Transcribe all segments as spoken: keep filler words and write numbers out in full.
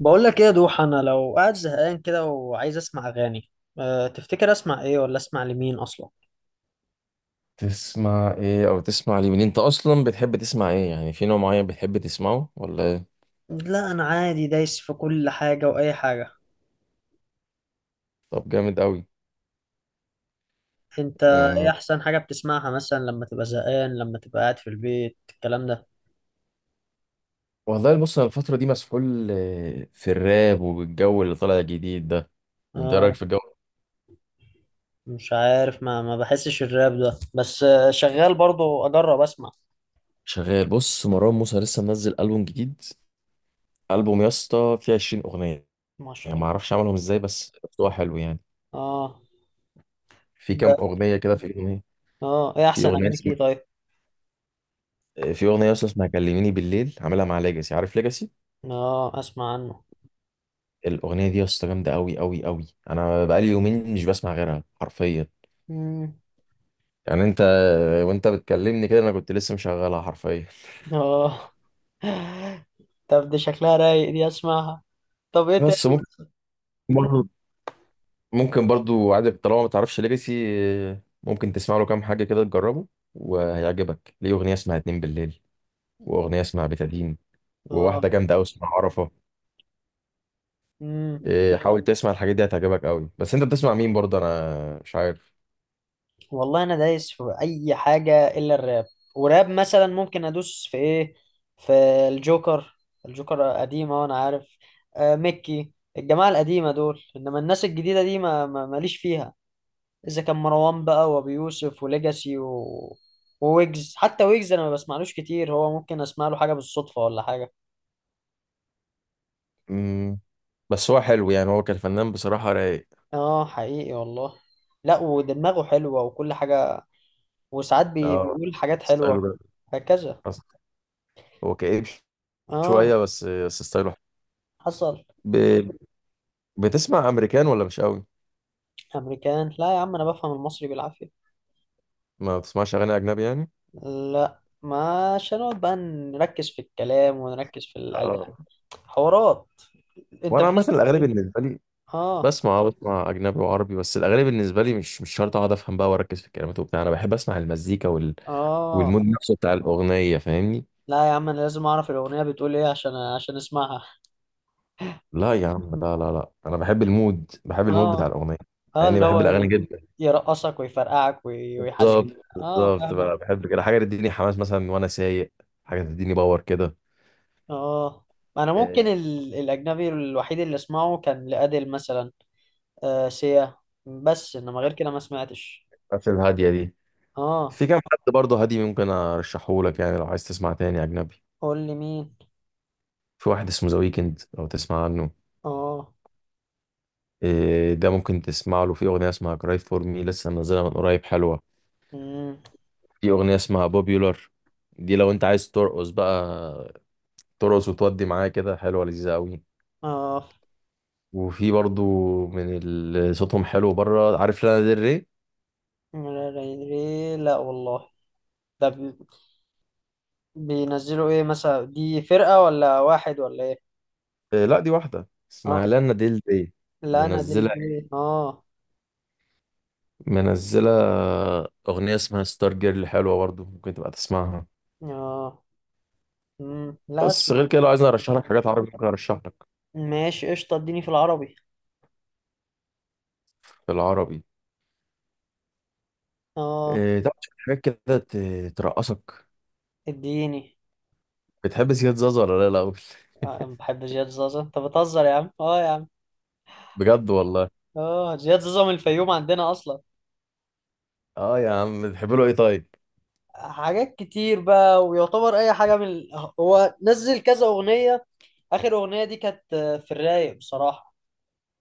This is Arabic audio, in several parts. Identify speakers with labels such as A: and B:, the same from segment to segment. A: بقول لك ايه يا دوح، انا لو قاعد زهقان كده وعايز اسمع اغاني. أه تفتكر اسمع ايه ولا اسمع لمين اصلا؟
B: تسمع ايه او تسمع لمين؟ انت اصلا بتحب تسمع ايه؟ يعني في نوع معين بتحب تسمعه ولا ايه؟
A: لا انا عادي، دايس في كل حاجه واي حاجه.
B: طب جامد قوي.
A: انت؟ ايه
B: أه.
A: احسن حاجه بتسمعها مثلا لما تبقى زهقان، لما تبقى قاعد في البيت الكلام ده؟
B: والله بص، انا الفتره دي مسحول، آه، في الراب والجو اللي طالع جديد ده. انت إيه رايك
A: اه.
B: في الجو؟
A: مش عارف، ما ما بحسش الراب ده بس، آه، شغال برضو، اجرب اسمع.
B: شغال. بص، مروان موسى لسه منزل البوم جديد. البوم يا اسطى فيه عشرين اغنيه.
A: ما شاء
B: يعني ما
A: الله.
B: اعرفش عملهم ازاي بس. هو حلو يعني.
A: اه.
B: في
A: ده.
B: كام اغنيه كده. في اغنيه
A: اه، ايه
B: في
A: احسن
B: اغنيه
A: اغانيك
B: اسمها.
A: ايه، طيب؟
B: آه، في اغنيه اصلا اسمها كلميني بالليل، عاملها مع ليجاسي. عارف ليجاسي؟
A: اه، اسمع عنه.
B: الاغنيه دي يا اسطى جامده قوي قوي قوي. انا بقالي يومين مش بسمع غيرها حرفيا.
A: مم.
B: يعني انت، وانت بتكلمني كده انا كنت لسه مشغلها حرفيا.
A: اه. طب دي شكلها رايق، دي اسمعها. طب ايه تاني؟
B: بس ممكن برضو ممكن برضو عادي طالما ما تعرفش ليجاسي ممكن تسمع له كام حاجه كده تجربه. وهيعجبك ليه اغنيه اسمها اتنين بالليل، واغنيه اسمها بتادين،
A: اه.
B: وواحده جامده قوي اسمها عرفه.
A: امم.
B: إيه، حاول تسمع الحاجات دي هتعجبك قوي. بس انت بتسمع مين برضه؟ انا مش عارف.
A: والله انا دايس في اي حاجه الا الراب، وراب مثلا ممكن ادوس في ايه؟ في الجوكر. الجوكر قديمه وانا عارف. آه ميكي. الجماعه القديمه دول، انما الناس الجديده دي ما ما- ماليش فيها. اذا كان مروان بقى وابي يوسف وليجاسي و... وويجز، حتى ويجز انا ما بسمعلوش كتير، هو ممكن اسمع له حاجه بالصدفه ولا حاجه.
B: امم. بس هو حلو يعني، هو كان فنان بصراحه رايق.
A: اه، حقيقي والله. لا، ودماغه حلوه وكل حاجه. وساعات بي...
B: اه
A: بيقول حاجات
B: ستايله
A: حلوه.
B: جامد.
A: هكذا.
B: هو كئيب ش-
A: اه.
B: شوية بس، بس ستايله حلو.
A: حصل.
B: ب... بتسمع أمريكان ولا مش قوي؟
A: امريكان؟ لا يا عم، انا بفهم المصري بالعافيه.
B: ما بتسمعش أغاني أجنبي يعني؟
A: لا ما، عشان نقعد بقى نركز في الكلام ونركز في الالحان.
B: اه،
A: حوارات. انت
B: وأنا عامة
A: بتس
B: الأغاني بالنسبة لي
A: اه،
B: بسمع آه، بسمع أجنبي وعربي. بس الأغاني بالنسبة لي مش مش شرط أقعد أفهم بقى وأركز في الكلمات وبتاع، أنا بحب أسمع المزيكا وال...
A: اه،
B: والمود نفسه بتاع الأغنية، فاهمني؟
A: لا يا عم، انا لازم اعرف الاغنيه بتقول ايه عشان عشان اسمعها.
B: لا يا عم، لا لا لا، أنا بحب المود، بحب المود بتاع
A: اه،
B: الأغنية، مع
A: اه،
B: إني
A: اللي
B: بحب
A: هو
B: الأغاني
A: ي-
B: جدا.
A: يرقصك ويفرقعك وي- ويحزنك.
B: بالظبط
A: اه،
B: بالظبط
A: فاهمك.
B: بقى، بحب كده حاجة تديني حماس مثلا وأنا سايق، حاجة تديني باور كده.
A: اه، انا ممكن
B: آه،
A: ال... الاجنبي الوحيد اللي اسمعه كان لأديل مثلا. آه سيا. بس انما غير كده ما سمعتش.
B: الحاجات الهادية دي
A: اه،
B: في كام حد برضه هادي ممكن ارشحه لك، يعني لو عايز تسمع تاني اجنبي،
A: قول لي مين.
B: في واحد اسمه ذا ويكند لو تسمع عنه.
A: اه.
B: إيه، ده ممكن تسمع له في اغنيه اسمها كراي فور مي، لسه منزلها من قريب، حلوه.
A: امم.
B: في اغنيه اسمها بوبيولار، دي لو انت عايز ترقص بقى، ترقص وتودي معايا كده، حلوه لذيذه قوي.
A: اه،
B: وفي برضه من اللي صوتهم حلو بره، عارف لانا ديل ري؟
A: لا لا يدري، لا والله. ده بي- بينزلوا ايه مثلا، دي فرقة ولا واحد ولا ايه؟
B: إيه، لا دي واحده اسمها
A: اه.
B: لانا ديل ري.
A: لا انا دي
B: منزله
A: البي، اه.
B: منزله اغنيه اسمها ستار جيرل، حلوه برضه ممكن تبقى تسمعها.
A: اه. امم. لا
B: بس غير
A: اسمع.
B: كده لو عايزني ارشح لك حاجات عربي ممكن ارشح لك
A: ماشي قشطة، اديني في العربي.
B: في العربي.
A: اه،
B: إيه طبعا، شوية حاجات كده ت- ترقصك.
A: اديني.
B: بتحب زياد زازا ولا لا الاول؟
A: آه، بحب زياد زازا، انت بتهزر يا عم، اه يا عم.
B: بجد والله.
A: اه، زياد زازا من الفيوم عندنا اصلا.
B: اه يا عم، بتحب له ايه طيب؟
A: حاجات كتير بقى، ويعتبر اي حاجة من ال- هو نزل كذا اغنية. اخر اغنية دي كانت آه، في الرايق بصراحة.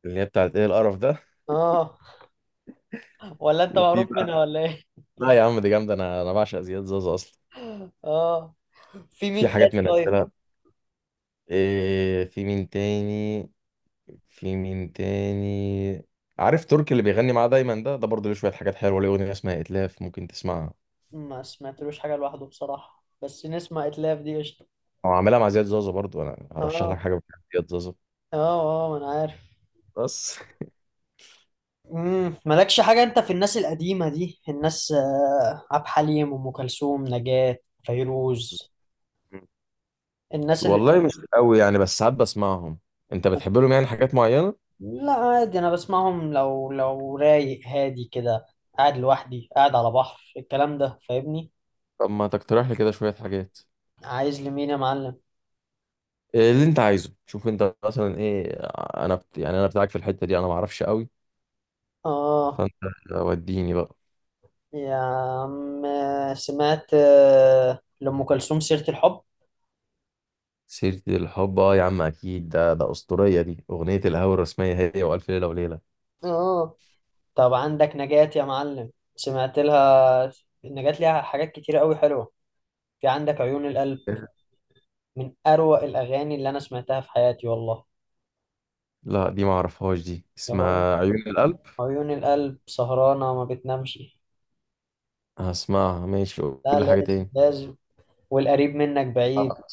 B: اللي هي بتاعت ايه القرف ده؟
A: اه. ولا انت
B: وفي
A: معروف منها
B: بقى.
A: ولا ايه؟
B: لا يا عم دي جامده، انا انا بعشق زياد زازا اصلا.
A: اه، في
B: في
A: مين تاني
B: حاجات من
A: طيب؟
B: امثله. إيه في مين تاني في مين تاني عارف تركي اللي بيغني معاه دايما ده ده برضه ليه شويه حاجات حلوه، ليه اغنيه اسمها اتلاف ممكن تسمعها.
A: ما سمعتلوش حاجة لوحده بصراحة، بس نسمع اتلاف دي قشطة.
B: او عاملها مع زياد زازا برضه، انا هرشح
A: اه،
B: لك حاجه بتاعت زياد زازا
A: اه، اه، ما انا عارف.
B: بس.
A: امم مالكش حاجة انت في الناس القديمة دي، الناس آه، عبد الحليم، ام كلثوم، نجاة، فيروز. الناس اللي.
B: والله مش قوي يعني، بس ساعات بسمعهم. انت بتحب لهم يعني حاجات معينة؟
A: لا عادي، انا بسمعهم لو لو رايق، هادي كده، قاعد لوحدي، قاعد على بحر، الكلام ده فاهمني؟
B: طب ما تقترح لي كده شوية حاجات.
A: عايز لمين يا معلم؟
B: إيه اللي انت عايزه؟ شوف انت مثلا ايه. انا بت... يعني انا بتاعك في الحتة دي، انا ما اعرفش قوي،
A: اه
B: فانت وديني بقى.
A: يا عم، سمعت آه، لأم كلثوم سيرة الحب؟
B: سيرة الحب اه يا عم اكيد، ده ده اسطورية، دي اغنية الهوى الرسمية هي والف ليلة وليلة.
A: اه. طب عندك نجاة يا معلم، سمعت لها؟ نجاة ليها حاجات كتير قوي حلوة. في عندك عيون القلب. من أروع الأغاني اللي أنا سمعتها في حياتي والله.
B: لا دي ما اعرفهاش، دي
A: يا رب،
B: اسمها عيون القلب؟
A: عيون القلب سهرانة ما بتنامش.
B: هسمعها ماشي، قول
A: لا،
B: لي حاجة
A: لازم
B: تاني.
A: لازم. والقريب منك بعيد.
B: آه،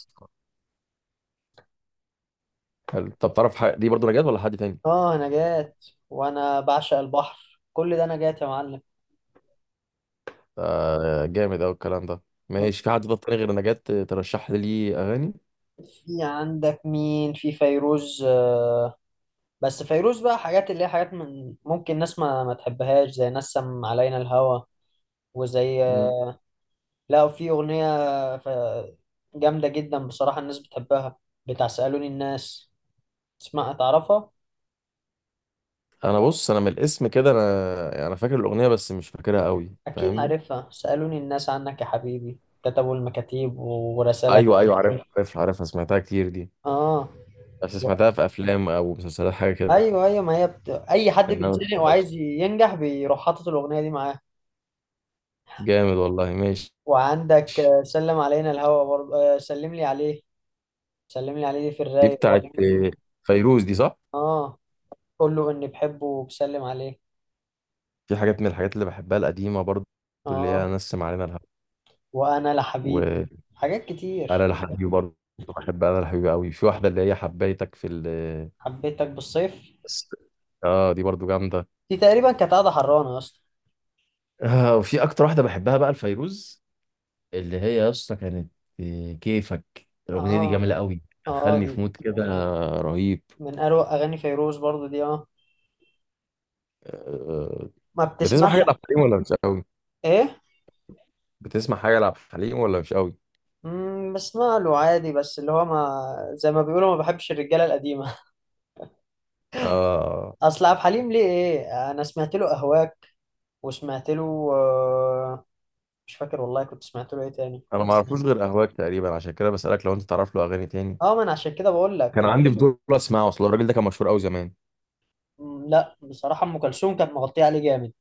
B: حلو، طب تعرف حاجة دي برضو نجاة ولا حد تاني؟
A: آه، نجاة. وأنا بعشق البحر كل ده نجاة يا معلم.
B: آه، جامد أوي الكلام ده. ماشي، في حد طب تاني غير نجاة ترشح لي ليه أغاني؟
A: في عندك مين؟ في فيروز، آه، بس فيروز بقى حاجات اللي هي حاجات، من ممكن ناس ما, ما تحبهاش، زي نسم علينا الهوى. وزي،
B: مم.
A: لا في أغنية ف- جامدة جدا بصراحة، الناس بتحبها. بتاع سألوني الناس، اسمها، تعرفها؟
B: أنا بص، أنا من الاسم كده، أنا أنا فاكر الأغنية بس مش فاكرها أوي،
A: أكيد
B: فاهمني؟
A: عارفها، سألوني الناس عنك يا حبيبي، كتبوا المكاتيب ورسالة.
B: أيوه أيوه، عارف عارف عارفها، سمعتها كتير دي،
A: آه.
B: بس
A: و-
B: سمعتها في أفلام أو مسلسلات حاجة كده.
A: أيوه أيوه، ما هي بت... أي حد
B: إنما ما
A: بيتزنق وعايز
B: سمعتهاش.
A: ينجح، بيروح حاطط الأغنية دي معاه.
B: جامد والله، ماشي.
A: وعندك آه، سلم علينا الهوى برضه، آه، سلم لي عليه. سلم لي عليه دي في
B: دي
A: الرايق
B: بتاعت
A: برضه،
B: فيروز دي، صح؟
A: آه. قول له اني بحبه وبسلم عليه.
B: في حاجات من الحاجات اللي بحبها القديمة برضو، اللي هي
A: اه،
B: نسم علينا الهوا،
A: وانا لحبيب،
B: وأنا
A: حاجات كتير.
B: لحبيبي برضو. بحب أنا لحبيبي أوي، في واحدة اللي هي حبيتك في ال...
A: حبيتك بالصيف
B: بس اه دي برضو جامده.
A: دي، تقريبا كانت قاعده حرانه يا اسطى.
B: آه، وفي اكتر واحده بحبها بقى الفيروز اللي هي يا اسطى كانت، آه، كيفك، الاغنيه دي
A: اه،
B: جميله قوي،
A: اه،
B: دخلني
A: دي
B: في مود كده رهيب.
A: من اروع اغاني فيروز برضو دي. اه.
B: آه.
A: ما
B: بتسمع
A: بتسمعش؟
B: حاجه لعبد الحليم ولا مش قوي؟
A: ايه؟
B: بتسمع حاجه لعبد الحليم ولا مش قوي؟
A: امم بسمع له عادي، بس اللي هو ما، زي ما بيقولوا ما بحبش الرجاله القديمه.
B: آه،
A: اصل عبد الحليم ليه ايه، انا سمعت له اهواك، وسمعت له، آه، مش فاكر والله كنت سمعت له ايه تاني
B: انا ما
A: بس.
B: اعرفوش غير اهواك تقريبا، عشان كده بسالك لو انت تعرف له اغاني تاني،
A: اه، ما انا عشان كده بقول لك.
B: كان عندي فضول اسمعه، اصل الراجل ده كان مشهور قوي زمان.
A: مم، لا بصراحه، ام كلثوم كانت مغطيه عليه جامد.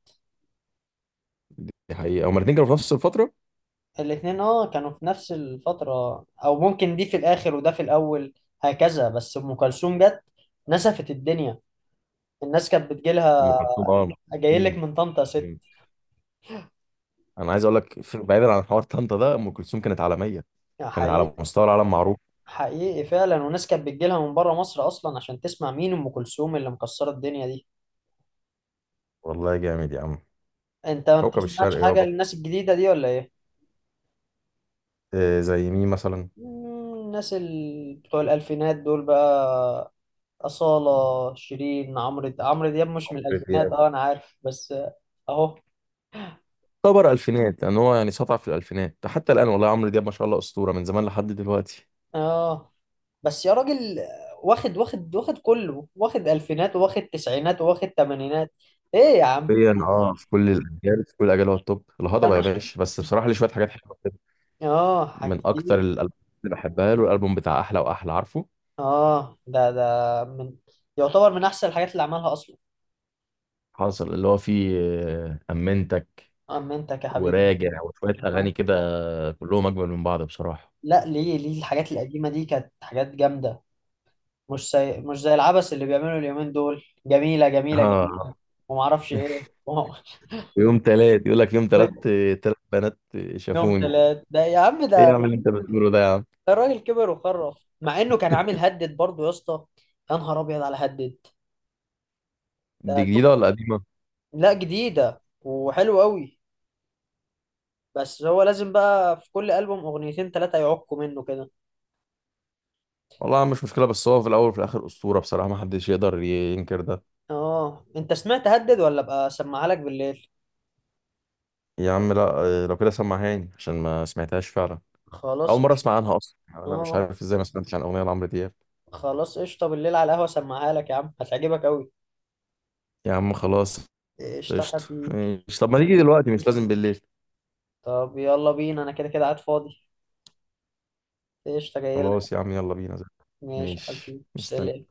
B: دي حقيقه، هما الاثنين كانوا في نفس الفتره.
A: الاتنين اه كانوا في نفس الفترة، او ممكن دي في الاخر وده في الاول. هكذا، بس ام كلثوم جت نسفت الدنيا، الناس كانت
B: ام
A: بتجيلها.
B: كلثوم، اه.
A: جايلك
B: مم.
A: من طنطا يا ست.
B: انا عايز اقول لك، في- بعيدا عن حوار طنطا ده، ام كلثوم كانت عالميه،
A: يعني
B: كانت على
A: حقيقي.
B: مستوى العالم معروف.
A: حقيقي فعلا، وناس كانت بتجيلها من بره مصر اصلا عشان تسمع مين ام كلثوم اللي مكسرة الدنيا دي.
B: والله جامد يا عم.
A: انت ما
B: كوكب الشرق
A: بتسمعش حاجة
B: يابا.
A: للناس الجديدة دي ولا ايه؟
B: إيه زي مين مثلا؟
A: مم، الناس ال... بتوع الالفينات دول بقى، أصالة، شيرين، عمرو عمرو دياب مش من
B: عمرو
A: الالفينات،
B: دياب
A: اه انا عارف بس، آه، اهو.
B: يعتبر الفينات، لان هو يعني سطع في الالفينات حتى الان. والله عمرو دياب ما شاء الله اسطوره من زمان لحد دلوقتي.
A: اه، بس يا راجل، واخد واخد واخد، كله واخد، الفينات واخد، تسعينات واخد، تمانينات. ايه يا عم
B: حرفياً، اه في كل الاجيال، في كل الاجيال هو التوب.
A: ده
B: الهضبه يا
A: مش،
B: باشا، بس بصراحه ليه شويه حاجات حلوه كده.
A: اه حاجات
B: من اكتر
A: كتير.
B: الالبوم اللي بحبها له، الالبوم بتاع احلى واحلى، عارفه؟
A: اه، ده ده من، يعتبر من احسن الحاجات اللي عملها اصلا.
B: حاصل اللي هو فيه، آه، امنتك
A: اما انت يا حبيبي.
B: وراجع وشويه اغاني
A: آه.
B: كده، كلهم اجمل من بعض بصراحه.
A: لا، ليه ليه الحاجات القديمه دي كانت حاجات جامده، مش زي مش زي العبث اللي بيعملوا اليومين دول، جميله جميله جميله.
B: اه.
A: وما اعرفش ايه.
B: في يوم تلات، يقول لك يوم تلات تلات بنات
A: يوم
B: شافوني.
A: ثلاث ده، يا عم
B: ايه
A: ده.
B: يا عم اللي انت بتقوله ده يا عم؟
A: الراجل كبر وخرف، مع انه كان عامل هدد برضه يا اسطى. يا نهار ابيض على هدد
B: دي
A: ده.
B: جديده ولا قديمه؟
A: لا، جديده وحلو قوي. بس هو لازم بقى في كل البوم اغنيتين ثلاثه يعقوا منه كده.
B: والله يا عم مش مشكله، بس هو في الاول وفي الاخر اسطوره بصراحه، ما حدش يقدر ينكر ده.
A: اه، انت سمعت هدد ولا ابقى اسمعها لك بالليل؟
B: يا عم لا، لو كده سمعهاني عشان ما سمعتهاش فعلا.
A: خلاص
B: اول مره
A: قشطة.
B: اسمع عنها اصلا يعني، انا مش
A: اه،
B: عارف ازاي ما سمعتش عن اغنيه لعمرو دياب.
A: خلاص قشطه، بالليل على القهوه اسمعها لك يا عم، هتعجبك قوي.
B: يا عم خلاص.
A: قشطه
B: قشطه.
A: حبيبي.
B: ماشي، طب ما نيجي دلوقتي مش لازم بالليل.
A: طب يلا بينا، انا كده كده قاعد فاضي. قشطه، جاي لك.
B: خلاص يا عم، يلا بينا. زي.
A: ماشي يا
B: ماشي
A: حبيبي، سلام.
B: مستني.